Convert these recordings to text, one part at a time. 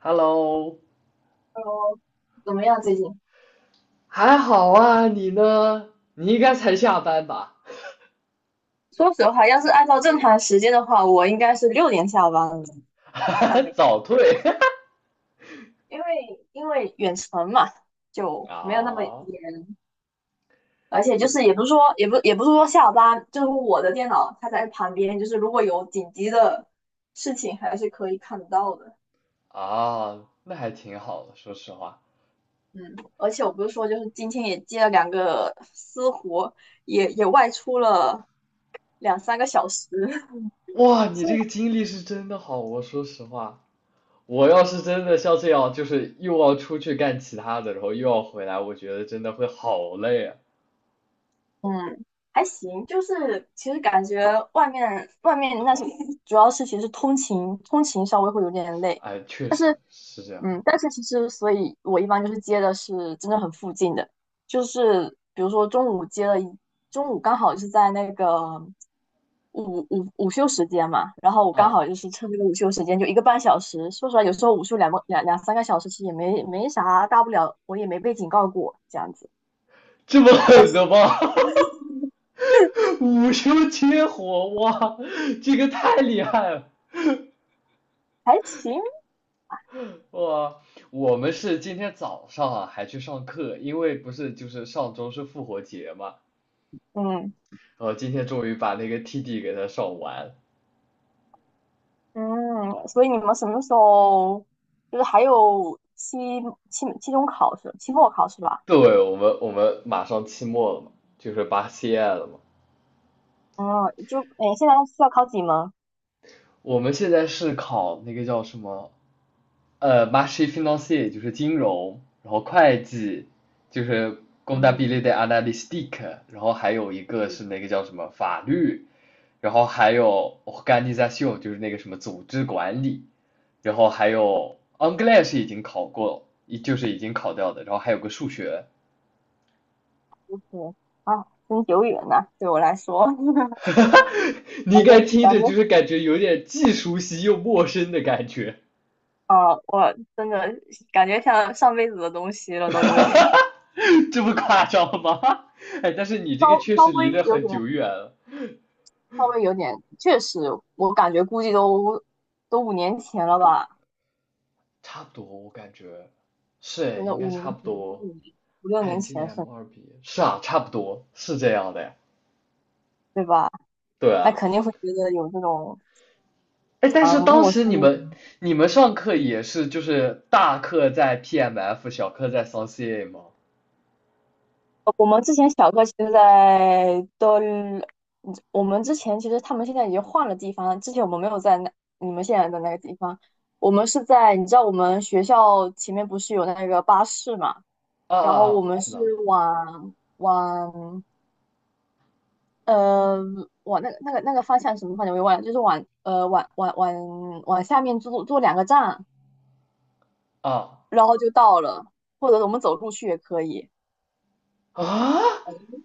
Hello，哦，怎么样最近？还好啊，你呢？你应该才下班吧？说实话，要是按照正常时间的话，我应该是6点下班了。哈但哈，没，早退。 因为因为远程嘛，就没有那么啊，严。而且就就是也不是说，下班，就是我的电脑它在旁边，就是如果有紧急的事情，还是可以看得到的。啊，那还挺好的，说实话。嗯，而且我不是说，就是今天也接了两个私活，也外出了两三个小时。哇，你是，这个经历是真的好，我说实话，我要是真的像这样，就是又要出去干其他的，然后又要回来，我觉得真的会好累啊。嗯，还行，就是其实感觉外面那些主要是其实通勤稍微会有点累，哎，确但是实是这样但是其实所以我一般就是接的是真的很附近的，就是比如说中午接了一中午刚好是在那个午休时间嘛，然后我刚好啊，就是趁这个午休时间就1个半小时，说实话有时候午休两三个小时其实也没啥大不了，我也没被警告过这样子，这么但狠的是吗？哈哈，午休切活，哇，这个太厉害了！还行，哇，我们是今天早上啊还去上课，因为不是就是上周是复活节嘛，嗯。然后今天终于把那个 TD 给它上完。嗯，所以你们什么时候就是还有期中考试、期末考试吧？对，我们马上期末了嘛，就是八 CI 了嘛。嗯，就现在需要考几门？我们现在是考那个叫什么，m a c h i financier 就是金融，然后会计就是工大 n t 的 b i 嗯，l i t a n a l y s t i c 然后还有一个是那个叫什么法律，然后还有 o r g a n i i o n 就是那个什么组织管理。然后还有 English 已经考过，就是已经考掉的，然后还有个数学。对啊，真久远呐、对我来说，你应感该觉听感着就觉是感觉有点既熟悉又陌生的感觉。啊，我真的感觉像上辈子的东西了，都有点 这不夸张吗？哎，但是你这稍个确稍实离微得有很点久远了，稍微有点，确实，我感觉估计都五年前了吧，差不多我感觉真是的应该五差年不前、多。我五六看年你今年 前是，M 二毕业，是啊，差不多是这样的呀。对吧？对那啊，肯定会觉得有这种。哎，但啊，是当陌时生你的感们觉。你们上课也是就是大课在 PMF，小课在 s o n c a 吗？我们之前小哥其实在都，嗯，我们之前其实他们现在已经换了地方了，之前我们没有在那你们现在的那个地方，我们是在你知道我们学校前面不是有那个巴士嘛，啊然啊后我啊，们知是道往往呃往那个方向，什么方向我也忘了，就是往下面坐两个站，啊然后就到了，或者我们走路去也可以。啊，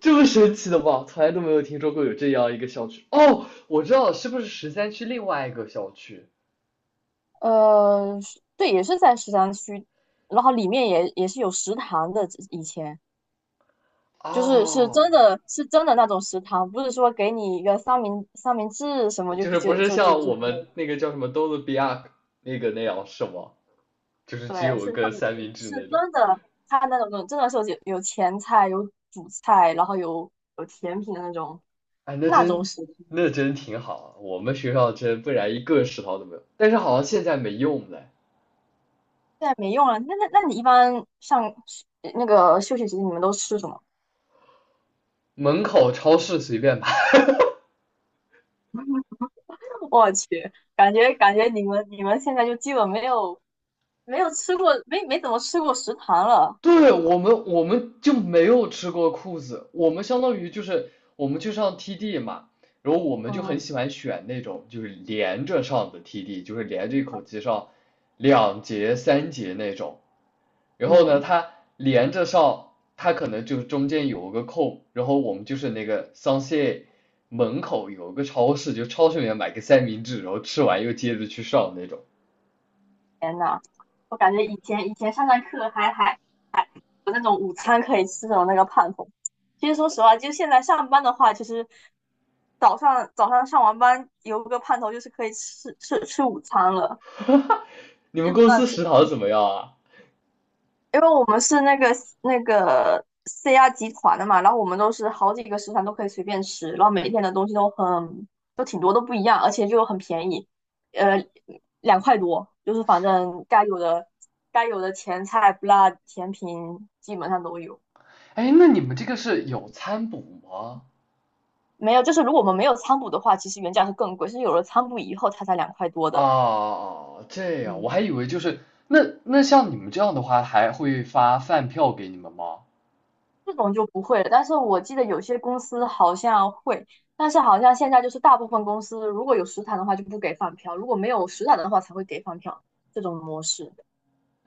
这么神奇的吗？从来都没有听说过有这样一个校区。哦，我知道了，是不是十三区另外一个校区？是，对，也是在13区，然后里面也是有食堂的。以前就是是哦，真的是真的那种食堂，不是说给你一个三明治什么就就是不就是就就像就我们那个叫什么多伦比亚那个那样是吗？就是只对，有一是他个们三是明治是那种。真的，他那种真的是有前菜、有主菜，然后有甜品的那种哎，那那种真食堂，那真挺好啊。我们学校真不然一个食堂都没有。但是好像现在没用了，现在没用了。那你一般上那个休息时间你们都吃什么？门口超市随便买。我去，感觉你们现在就基本没有吃过，没怎么吃过食堂了。对，我们就没有吃过裤子，我们相当于就是我们去上 TD 嘛，然后我们就嗯很喜欢选那种就是连着上的 TD，就是连着一口气上两节三节那种。然后呢，嗯，它连着上，它可能就中间有个空，然后我们就是那个桑谢门口有个超市，就超市里面买个三明治，然后吃完又接着去上那种。天呐，我感觉以前上课还有那种午餐可以吃的那个盼头。其实说实话，就现在上班的话，其实早上上完班有个盼头，就是可以吃午餐了，你们真公的，司食堂怎么样啊？因为我们是那个 CR 集团的嘛，然后我们都是好几个食堂都可以随便吃，然后每一天的东西都挺多，都不一样，而且就很便宜，呃，两块多，就是反正该有的前菜、不辣、甜品基本上都有。哎，那你们这个是有餐补吗？没有，就是如果我们没有餐补的话，其实原价是更贵，是有了餐补以后它才两块多的。啊，这样，我嗯，还以为就是那像你们这样的话，还会发饭票给你们吗？这种就不会了，但是我记得有些公司好像会，但是好像现在就是大部分公司如果有食堂的话就不给饭票，如果没有食堂的话才会给饭票这种模式。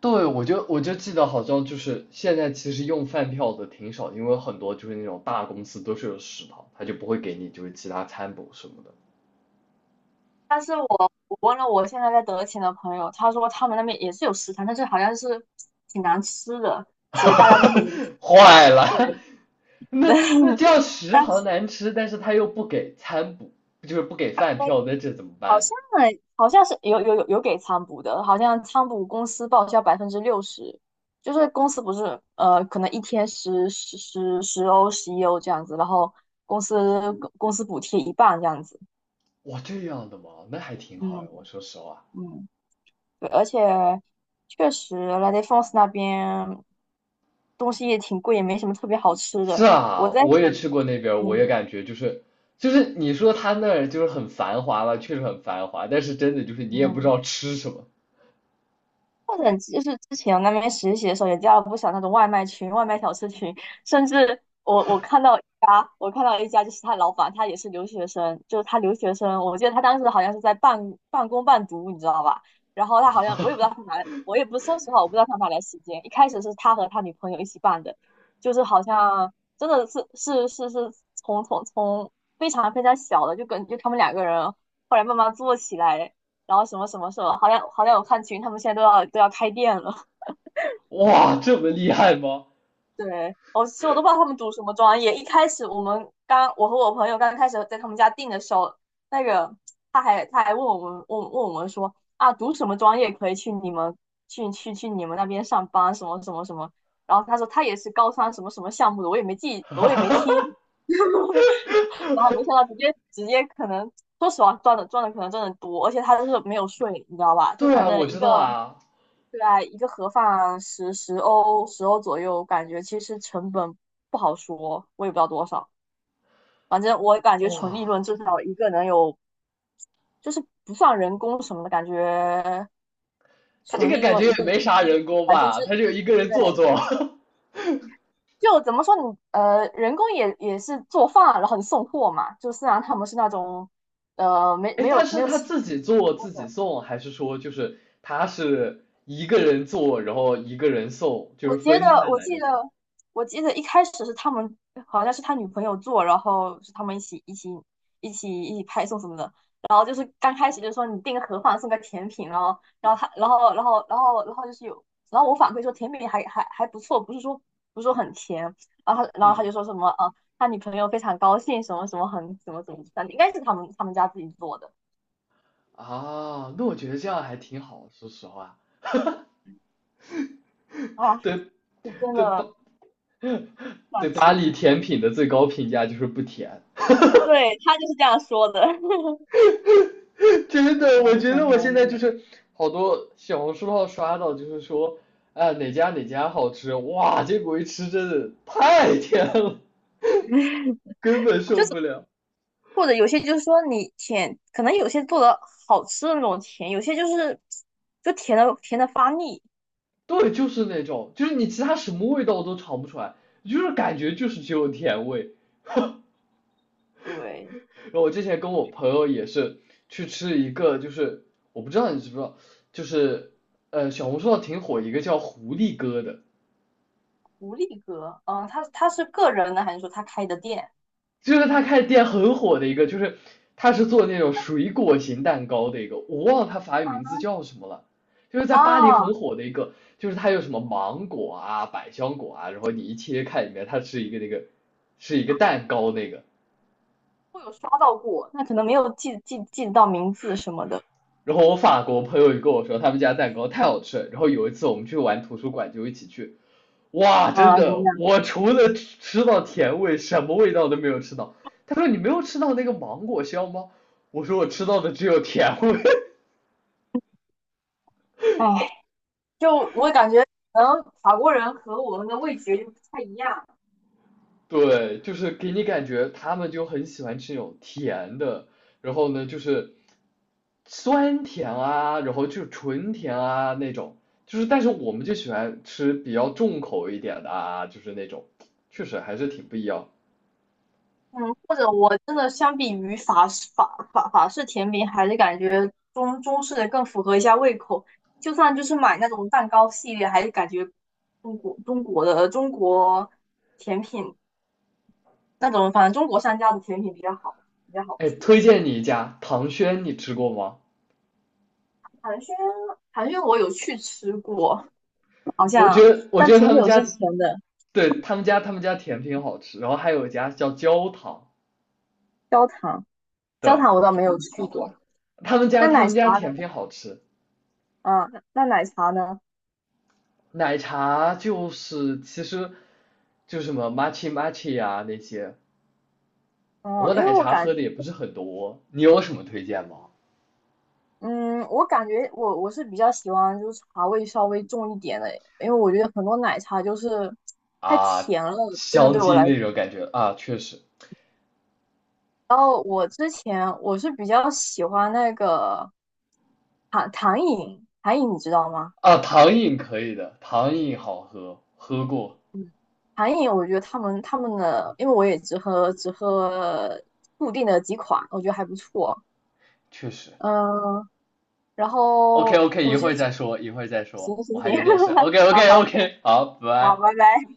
对，我就记得好像就是现在其实用饭票的挺少，因为很多就是那种大公司都是有食堂，他就不会给你就是其他餐补什么的。但是我问了我现在在德勤的朋友，他说他们那边也是有食堂，但是好像是挺难吃的，所以大家都不能吃。坏了，对，那这 样食堂难吃，但是他又不给餐补，就是不给饭票，那这怎么好办？像好像是有给仓补的，好像仓补公司报销60%，就是公司不是可能一天十一欧这样子，然后公司补贴一半这样子。哇，这样的吗？那还挺好呀，我嗯说实话。嗯，对，而且确实 La d é f o n s e 那边东西也挺贵，也没什么特别好吃是的。我啊，在我也想，去过那边儿我也嗯感觉就是你说他那儿就是很繁华了，确实很繁华，但是真的就是你也不知嗯。道吃什么或者就是之前我那边实习的时候，也加了不少那种外卖群、外卖小吃群，甚至我看到一家，我看到一家就是他老板，他也是留学生，就是他留学生，我记得他当时好像是在半工半读，你知道吧？然后他好像我也啊。不知道他哪来，我也不，说实话，我不知道他哪来时间。一开始是他和他女朋友一起办的，就是好像真的是从非常非常小的，就他们两个人后来慢慢做起来。然后。什么什么什么，好像我看群，他们现在都要开店了。哇，这么厉害吗？对，我其实我都不知道他们读什么专业。一开始我们刚，我和我朋友刚开始在他们家订的时候，那个他还问我们说啊，读什么专业可以去你们那边上班，什么什么什么。然后他说他也是高三什么什么项目的，我也没记，我也没听。然后没想到直接可能，说实话赚的可能真的多，而且他就是没有税，你知道吧？就对反啊，我正一知个，道啊。对啊，一个盒饭十欧左右，感觉其实成本不好说，我也不知道多少，反正我感觉纯利哇，润至少一个能有，就是不算人工什么的，感觉他这纯个利感觉润一个也没啥人工百分吧，之，他就一个人做做。对。就怎么说你，人工也是做饭，然后你送货嘛，就虽然他们是那种，哎，他没是有他请自己请员做工自己的。送，还是说就是他是一个人做，然后一个人送，就我是觉分得，开我来记那得，种？我记得一开始是他们，好像是他女朋友做，然后是他们一起派送什么的。然后就是刚开始就说你订个盒饭送个甜品，然后他就是有，然后我反馈说甜品还不错，不是说很甜。然后他嗯，就说什么啊，他女朋友非常高兴，什么什么很怎么怎么，应该是他们家自己做的。啊，那我觉得这样还挺好，说实话。啊，对。是真对巴的对赚巴黎钱。甜品的最高评价就是不甜。对，他就是这样说的。真的，天我呐，觉很得我现方在就便。是好多小红书上刷到，就是说，哎哪家哪家好吃，哇，结果一吃真的太甜了，根本就受是。不了。或者有些就是说你甜，可能有些做的好吃的那种甜，有些就是就甜的甜的发腻。对，就是那种，就是你其他什么味道都尝不出来，就是感觉就是只有甜味。对，然后我之前跟我朋友也是去吃一个，就是我不知道你知不知道，就是小红书上挺火一个叫狐狸哥的。无力哥，嗯，他是个人的还是说他开的店就是他开的店很火的一个，就是他是做那种水果型蛋糕的一个，我忘了他法语名字叫什么了，就是在巴黎啊？很火的一个，就是他有什么芒果啊、百香果啊，然后你一切开里面它是一个那个是一个蛋糕那个。我有刷到过，那可能没有记得到名字什么的。然后我法国朋友也跟我说，他们家蛋糕太好吃了。然后有一次我们去玩图书馆，就一起去，哇，真啊，怎么的，样？我除了吃到甜味，什么味道都没有吃到。他说你没有吃到那个芒果香吗？我说我吃到的只有甜味。哎，就我感觉可能法国人和我们的味觉就不太一样。对，就是给你感觉他们就很喜欢吃那种甜的，然后呢就是酸甜啊，然后就是纯甜啊那种，就是但是我们就喜欢吃比较重口一点的啊，就是那种，确实还是挺不一样。嗯，或者我真的相比于法式甜品，还是感觉式的更符合一下胃口。就算就是买那种蛋糕系列，还是感觉中国甜品那种，反正中国商家的甜品比较好，比较好哎，吃。推荐你一家唐轩，你吃过吗？寒暄寒暄我有去吃过，好我觉像得我但觉得他挺们久家，之前的。对，他们家甜品好吃，然后还有一家叫焦糖，焦糖焦对，糖我倒没有去过。他们家那他奶们茶家甜呢？品好吃。嗯，那奶茶呢？奶茶就是其实就是什么 matcha 呀、那些，嗯，我因为奶茶喝的也不是很多，你有什么推荐吗？我感觉我是比较喜欢就是茶味稍微重一点的，因为我觉得很多奶茶就是太啊，甜了，真的香对我精来说。那种感觉啊，确实然后我之前我是比较喜欢那个糖饮，糖饮你知道吗？啊，糖饮可以的，糖饮好喝，喝过，嗯，糖饮我觉得他们的，因为我也只喝固定的几款，我觉得还不错。确实。嗯，然 OK 后 OK，一我觉会得儿再说，一会儿再行说，行我还行，有点事。OK 好 OK 好 OK，好，拜好，拜。拜拜。